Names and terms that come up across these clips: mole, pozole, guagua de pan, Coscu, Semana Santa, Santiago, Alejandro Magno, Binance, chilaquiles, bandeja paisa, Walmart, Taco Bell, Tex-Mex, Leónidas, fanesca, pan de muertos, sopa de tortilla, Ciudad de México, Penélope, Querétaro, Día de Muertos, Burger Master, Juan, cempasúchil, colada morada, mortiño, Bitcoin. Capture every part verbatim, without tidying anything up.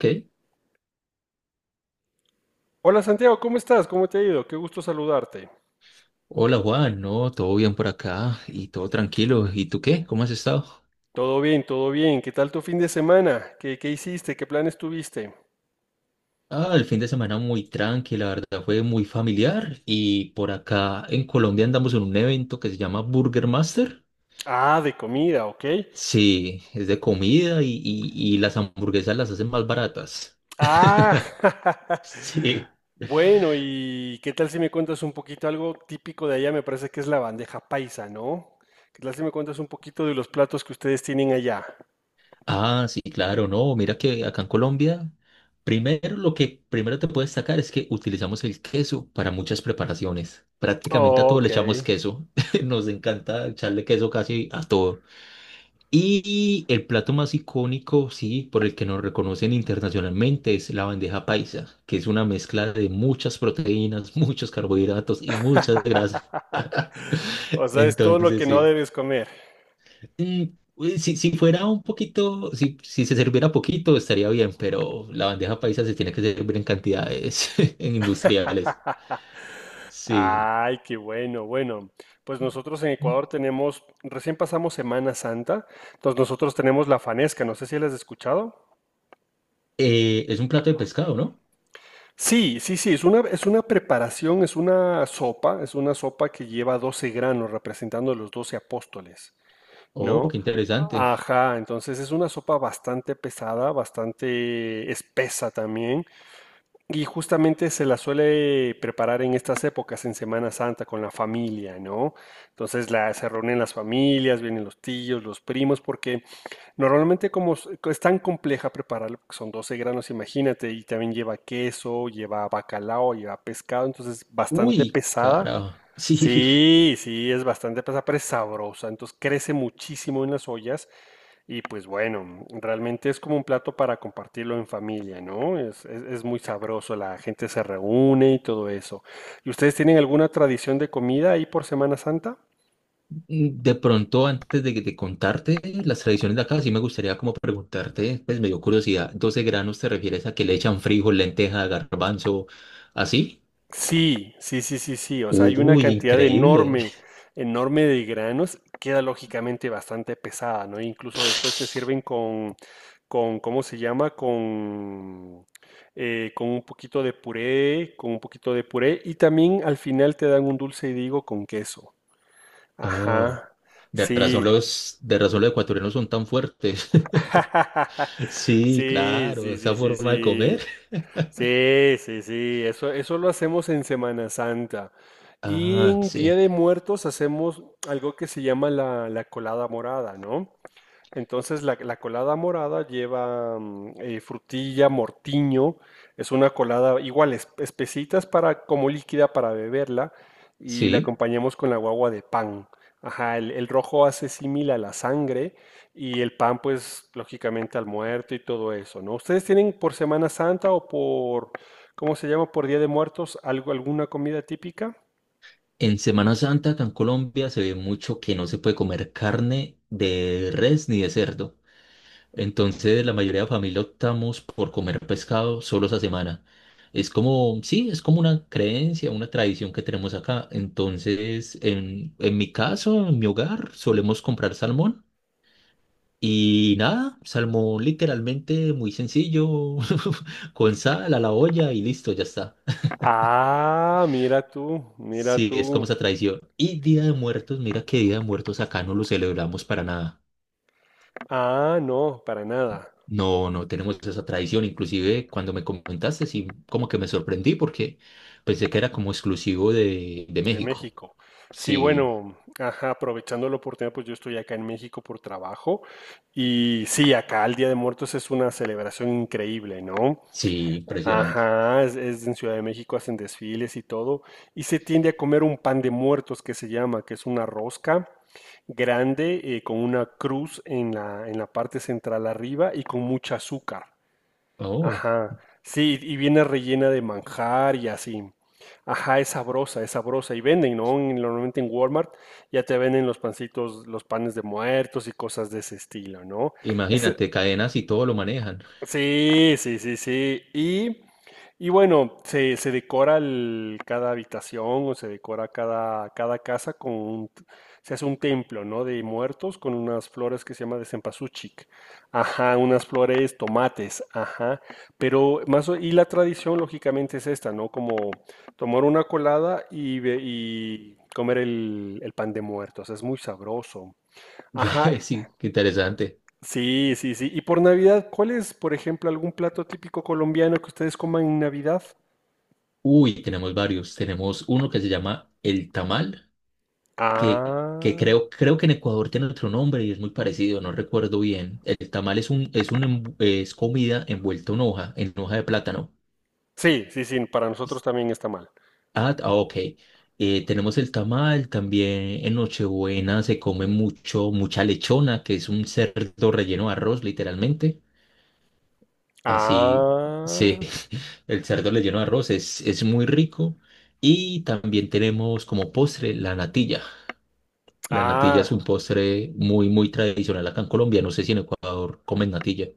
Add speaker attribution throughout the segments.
Speaker 1: Ok.
Speaker 2: Hola Santiago, ¿cómo estás? ¿Cómo te ha ido? Qué gusto saludarte.
Speaker 1: Hola Juan, no, todo bien por acá y todo tranquilo. ¿Y tú qué? ¿Cómo has estado?
Speaker 2: Todo bien, todo bien. ¿Qué tal tu fin de semana? ¿Qué, qué hiciste? ¿Qué planes tuviste?
Speaker 1: Ah, el fin de semana muy tranqui, la verdad fue muy familiar y por acá en Colombia andamos en un evento que se llama Burger Master.
Speaker 2: Ah, de comida, ¿ok?
Speaker 1: Sí, es de comida y, y, y las hamburguesas las hacen más baratas.
Speaker 2: Ah,
Speaker 1: Sí.
Speaker 2: bueno, ¿y qué tal si me cuentas un poquito algo típico de allá? Me parece que es la bandeja paisa, ¿no? ¿Qué tal si me cuentas un poquito de los platos que ustedes tienen allá?
Speaker 1: Ah, sí, claro, no, mira que acá en Colombia, primero lo que primero te puedo destacar es que utilizamos el queso para muchas preparaciones. Prácticamente a todo
Speaker 2: Ok.
Speaker 1: le echamos queso. Nos encanta echarle queso casi a todo. Y el plato más icónico, sí, por el que nos reconocen internacionalmente es la bandeja paisa, que es una mezcla de muchas proteínas, muchos carbohidratos y muchas grasas.
Speaker 2: O sea, es todo lo
Speaker 1: Entonces,
Speaker 2: que no
Speaker 1: sí.
Speaker 2: debes comer.
Speaker 1: Mm, uy, si, si fuera un poquito, si, si se serviera poquito, estaría bien, pero la bandeja paisa se tiene que servir en cantidades en industriales. Sí.
Speaker 2: Ay, qué bueno, bueno. Pues nosotros en Ecuador tenemos, recién pasamos Semana Santa, entonces nosotros tenemos la fanesca, no sé si la has escuchado.
Speaker 1: Eh, es un plato de pescado, ¿no?
Speaker 2: Sí, sí, sí, es una, es una preparación, es una sopa, es una sopa que lleva doce granos representando los doce apóstoles,
Speaker 1: Oh,
Speaker 2: ¿no?
Speaker 1: qué interesante.
Speaker 2: Ajá, entonces es una sopa bastante pesada, bastante espesa también. Y justamente se la suele preparar en estas épocas, en Semana Santa, con la familia, ¿no? Entonces la, se reúnen las familias, vienen los tíos, los primos, porque normalmente como s- co- es tan compleja prepararlo, porque son doce granos, imagínate, y también lleva queso, lleva bacalao, lleva pescado, entonces bastante
Speaker 1: Uy,
Speaker 2: pesada.
Speaker 1: carajo. Sí,
Speaker 2: Sí, sí, es bastante pesada, pero es sabrosa, entonces crece muchísimo en las ollas y pues bueno, realmente es como un plato para compartirlo en familia, ¿no? Es, es- es muy sabroso, la gente se reúne y todo eso. ¿Y ustedes tienen alguna tradición de comida ahí por Semana Santa?
Speaker 1: de pronto antes de, de contarte las tradiciones de acá, sí me gustaría como preguntarte, pues me dio curiosidad, doce granos te refieres a que le echan frijol, lenteja, garbanzo, ¿así?
Speaker 2: Sí, sí, sí, sí, sí. O sea, hay una
Speaker 1: Uy,
Speaker 2: cantidad de
Speaker 1: increíble.
Speaker 2: enorme, enorme de granos. Queda lógicamente bastante pesada, ¿no? Incluso después te sirven con, con, ¿cómo se llama? Con, eh, con un poquito de puré, con un poquito de puré. Y también al final te dan un dulce y digo con queso.
Speaker 1: Oh.
Speaker 2: Ajá.
Speaker 1: De
Speaker 2: Sí.
Speaker 1: razón los, de razón los ecuatorianos son tan fuertes. Sí,
Speaker 2: Sí,
Speaker 1: claro,
Speaker 2: sí,
Speaker 1: esa
Speaker 2: sí, sí,
Speaker 1: forma de
Speaker 2: sí.
Speaker 1: comer.
Speaker 2: Sí, sí, sí. Eso, eso lo hacemos en Semana Santa. Y
Speaker 1: Ah,
Speaker 2: en
Speaker 1: sí,
Speaker 2: Día de Muertos hacemos algo que se llama la, la colada morada, ¿no? Entonces la, la colada morada lleva mm, eh, frutilla, mortiño, es una colada igual, es- espesitas para, como líquida para beberla y la
Speaker 1: sí.
Speaker 2: acompañamos con la guagua de pan. Ajá, el, el rojo hace símil a la sangre y el pan pues lógicamente al muerto y todo eso, ¿no? ¿Ustedes tienen por Semana Santa o por, ¿cómo se llama? Por Día de Muertos, algo, alguna comida típica?
Speaker 1: En Semana Santa acá en Colombia se ve mucho que no se puede comer carne de res ni de cerdo. Entonces la mayoría de familia optamos por comer pescado solo esa semana. Es como, sí, es como una creencia, una tradición que tenemos acá. Entonces, en, en mi caso, en mi hogar, solemos comprar salmón. Y nada, salmón literalmente muy sencillo, con sal a la olla y listo, ya está.
Speaker 2: Ah, mira tú, mira
Speaker 1: Sí, es como
Speaker 2: tú.
Speaker 1: esa tradición. Y Día de Muertos, mira que Día de Muertos acá no lo celebramos para nada.
Speaker 2: Ah, no, para nada.
Speaker 1: No, no tenemos esa tradición. Inclusive cuando me comentaste, sí, como que me sorprendí porque pensé que era como exclusivo de, de
Speaker 2: De
Speaker 1: México.
Speaker 2: México. Sí,
Speaker 1: Sí,
Speaker 2: bueno, ajá, aprovechando la oportunidad, pues yo estoy acá en México por trabajo y sí, acá el Día de Muertos es una celebración increíble, ¿no?
Speaker 1: sí, impresionante.
Speaker 2: Ajá, es, es en Ciudad de México, hacen desfiles y todo, y se tiende a comer un pan de muertos que se llama, que es una rosca grande eh, con una cruz en la, en la parte central arriba y con mucha azúcar.
Speaker 1: Oh,
Speaker 2: Ajá, sí, y viene rellena de manjar y así. Ajá, es sabrosa, es sabrosa. Y venden, ¿no? En- Normalmente en Walmart ya te venden los pancitos, los panes de muertos y cosas de ese estilo, ¿no?
Speaker 1: imagínate, cadenas y todo lo manejan.
Speaker 2: Sí, sí, sí, sí. Y, y bueno, se, se decora el- cada habitación o se decora cada, cada casa con un, se hace un templo, ¿no? De muertos con unas flores que se llama de cempasúchil. Ajá, unas flores tomates, ajá. Pero más o- y la tradición lógicamente es esta, ¿no? Como tomar una colada y, ve- y comer el, el pan de muertos. Es muy sabroso. Ajá,
Speaker 1: Sí, qué interesante.
Speaker 2: sí, sí, sí. Y por Navidad, ¿cuál es, por ejemplo, algún plato típico colombiano que ustedes coman en Navidad?
Speaker 1: Uy, tenemos varios. Tenemos uno que se llama el tamal, que, que
Speaker 2: Ah,
Speaker 1: creo, creo que en Ecuador tiene otro nombre y es muy parecido, no recuerdo bien. El tamal es un, es un, envu- es comida envuelta en hoja, en hoja de plátano.
Speaker 2: sí, sí, sí, para nosotros
Speaker 1: Es-
Speaker 2: también está mal.
Speaker 1: Ah, ah, ok. Eh, tenemos el tamal, también en Nochebuena se come mucho, mucha lechona, que es un cerdo relleno de arroz, literalmente. Así, sí,
Speaker 2: Ah,
Speaker 1: el cerdo relleno de arroz es, es muy rico. Y también tenemos como postre la natilla. La natilla es
Speaker 2: ah,
Speaker 1: un postre muy, muy tradicional acá en Colombia. No sé si en Ecuador comen natilla.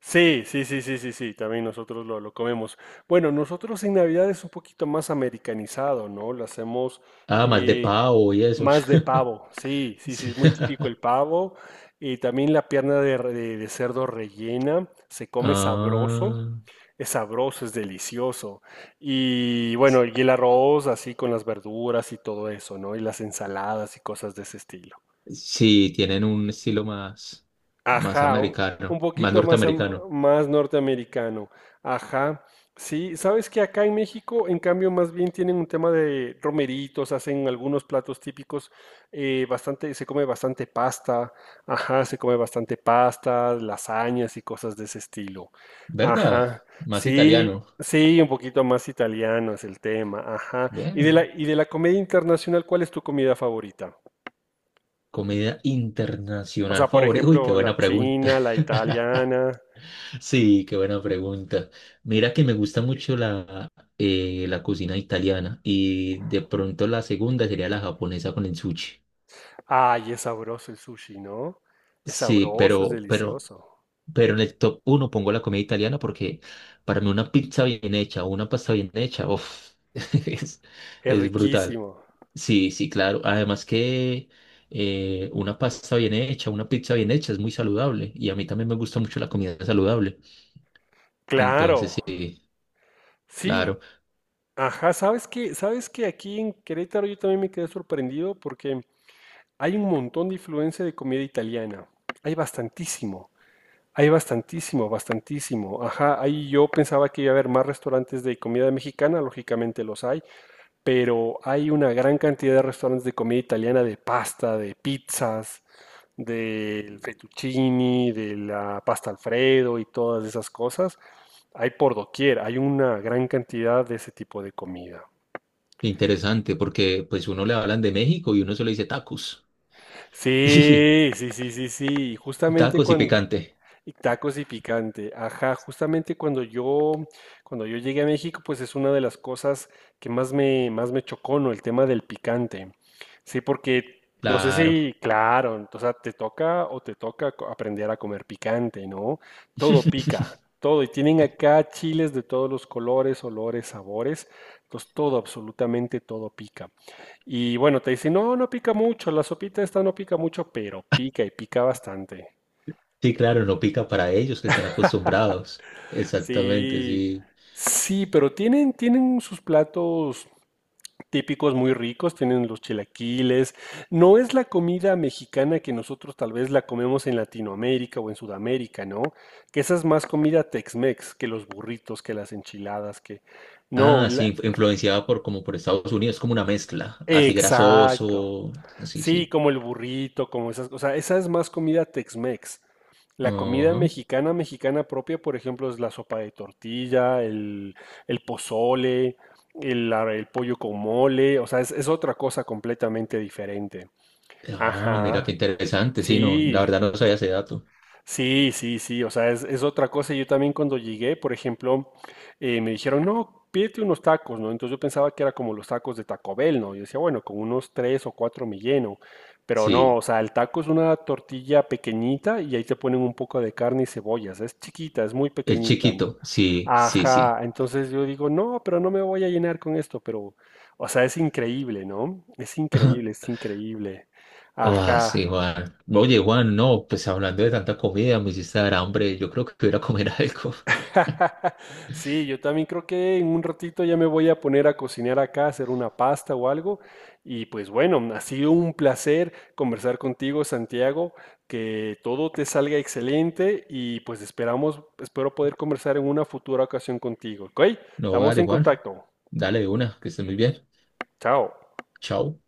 Speaker 2: sí, sí, sí, sí, sí, sí, también nosotros lo, lo comemos. Bueno, nosotros en Navidad es un poquito más americanizado, ¿no? Lo hacemos
Speaker 1: Ah, más de
Speaker 2: eh,
Speaker 1: pavo y eso.
Speaker 2: más de pavo, sí, sí, sí,
Speaker 1: Sí.
Speaker 2: es muy típico el pavo. Y también la pierna de, re- de- de cerdo rellena, se come sabroso,
Speaker 1: Ah,
Speaker 2: es sabroso, es delicioso. Y bueno, y el arroz así con las verduras y todo eso, ¿no? Y las ensaladas y cosas de ese estilo.
Speaker 1: sí, tienen un estilo más, más
Speaker 2: Ajá, o- un
Speaker 1: americano, más
Speaker 2: poquito más, am-
Speaker 1: norteamericano.
Speaker 2: más norteamericano. Ajá, sí, sabes que acá en México, en cambio, más bien tienen un tema de romeritos, hacen algunos platos típicos, eh, bastante, se come bastante pasta, ajá, se come bastante pasta, lasañas y cosas de ese estilo.
Speaker 1: ¿Verdad?
Speaker 2: Ajá,
Speaker 1: Más
Speaker 2: sí,
Speaker 1: italiano.
Speaker 2: sí, un poquito más italiano es el tema, ajá. Y de
Speaker 1: Bueno,
Speaker 2: la, y de la comida internacional, ¿cuál es tu comida favorita?
Speaker 1: comida
Speaker 2: O sea,
Speaker 1: internacional
Speaker 2: por
Speaker 1: favorita. Uy, qué
Speaker 2: ejemplo, la
Speaker 1: buena pregunta.
Speaker 2: china, la italiana.
Speaker 1: Sí, qué buena pregunta. Mira que me gusta mucho la, eh, la cocina italiana y de pronto la segunda sería la japonesa con el sushi.
Speaker 2: Ay, es sabroso el sushi, ¿no? Es
Speaker 1: Sí,
Speaker 2: sabroso, es
Speaker 1: pero, pero,
Speaker 2: delicioso,
Speaker 1: pero en el top uno pongo la comida italiana porque para mí una pizza bien hecha o una pasta bien hecha, uf, es,
Speaker 2: es
Speaker 1: es brutal.
Speaker 2: riquísimo.
Speaker 1: Sí, sí, claro. Además que eh, una pasta bien hecha, una pizza bien hecha es muy saludable y a mí también me gusta mucho la comida saludable.
Speaker 2: Claro,
Speaker 1: Entonces, sí,
Speaker 2: sí,
Speaker 1: claro.
Speaker 2: ajá, ¿sabes qué? ¿Sabes que aquí en Querétaro yo también me quedé sorprendido porque hay un montón de influencia de comida italiana. Hay bastantísimo, hay bastantísimo, bastantísimo. Ajá, ahí yo pensaba que iba a haber más restaurantes de comida mexicana, lógicamente los hay, pero hay una gran cantidad de restaurantes de comida italiana, de pasta, de pizzas, del fettuccini, de la pasta Alfredo y todas esas cosas. Hay por doquier, hay una gran cantidad de ese tipo de comida.
Speaker 1: Interesante, porque pues uno le hablan de México y uno solo dice tacos. Y
Speaker 2: Sí, sí, sí, sí, sí. y Justamente
Speaker 1: tacos y
Speaker 2: cuando,
Speaker 1: picante.
Speaker 2: Y tacos y picante. Ajá, justamente cuando yo, cuando yo llegué a México, pues es una de las cosas que más me, más me chocó, ¿no? El tema del picante. Sí, porque no sé
Speaker 1: Claro.
Speaker 2: si, claro, o sea, te toca o te toca co- aprender a comer picante, ¿no? Todo pica, todo. Y tienen acá chiles de todos los colores, olores, sabores. Entonces, todo, absolutamente todo pica. Y bueno, te dicen, no, no pica mucho, la sopita esta no pica mucho, pero pica y pica bastante.
Speaker 1: Sí, claro, no pica para ellos que están acostumbrados. Exactamente,
Speaker 2: Sí,
Speaker 1: sí.
Speaker 2: sí, pero tienen, tienen sus platos típicos muy ricos, tienen los chilaquiles. No es la comida mexicana que nosotros tal vez la comemos en Latinoamérica o en Sudamérica, ¿no? Que esa es más comida Tex-Mex que los burritos, que las enchiladas, que... No,
Speaker 1: Ah,
Speaker 2: la-
Speaker 1: sí, inf- influenciada por como por Estados Unidos, como una mezcla, así
Speaker 2: exacto.
Speaker 1: grasoso. Sí,
Speaker 2: Sí,
Speaker 1: sí.
Speaker 2: como el burrito, como esas, o sea, esa es más comida Tex-Mex. La comida
Speaker 1: Ajá.
Speaker 2: mexicana, mexicana propia, por ejemplo, es la sopa de tortilla, el, el pozole, el, la- el pollo con mole, o sea, es, es otra cosa completamente diferente.
Speaker 1: Ah, mira qué
Speaker 2: Ajá,
Speaker 1: interesante. Sí, no, la
Speaker 2: sí,
Speaker 1: verdad no sabía ese dato.
Speaker 2: sí, sí, sí, o sea, es, es otra cosa. Yo también cuando llegué, por ejemplo, eh, me dijeron, no, pídete unos tacos, ¿no? Entonces yo pensaba que era como los tacos de Taco Bell, ¿no? Yo decía, bueno, con unos tres o cuatro me lleno, pero no,
Speaker 1: Sí,
Speaker 2: o sea, el taco es una tortilla pequeñita y ahí te ponen un poco de carne y cebollas, es chiquita, es muy
Speaker 1: el
Speaker 2: pequeñita, ¿no?
Speaker 1: chiquito. Sí, sí,
Speaker 2: Ajá,
Speaker 1: sí.
Speaker 2: entonces yo digo, no, pero no me voy a llenar con esto, pero, o sea, es increíble, ¿no? Es increíble, es increíble.
Speaker 1: Oh,
Speaker 2: Ajá.
Speaker 1: sí, Juan. Oye, Juan, no, pues hablando de tanta comida, me hiciste dar hambre. Yo creo que voy a ir a comer algo.
Speaker 2: Sí, yo también creo que en un ratito ya me voy a poner a cocinar acá, a hacer una pasta o algo. Y pues bueno, ha sido un placer conversar contigo, Santiago, que todo te salga excelente y pues esperamos, espero poder conversar en una futura ocasión contigo, ¿ok?
Speaker 1: No,
Speaker 2: Estamos
Speaker 1: dale,
Speaker 2: en
Speaker 1: Juan.
Speaker 2: contacto.
Speaker 1: Dale de una, que estés muy bien.
Speaker 2: Chao.
Speaker 1: Chao.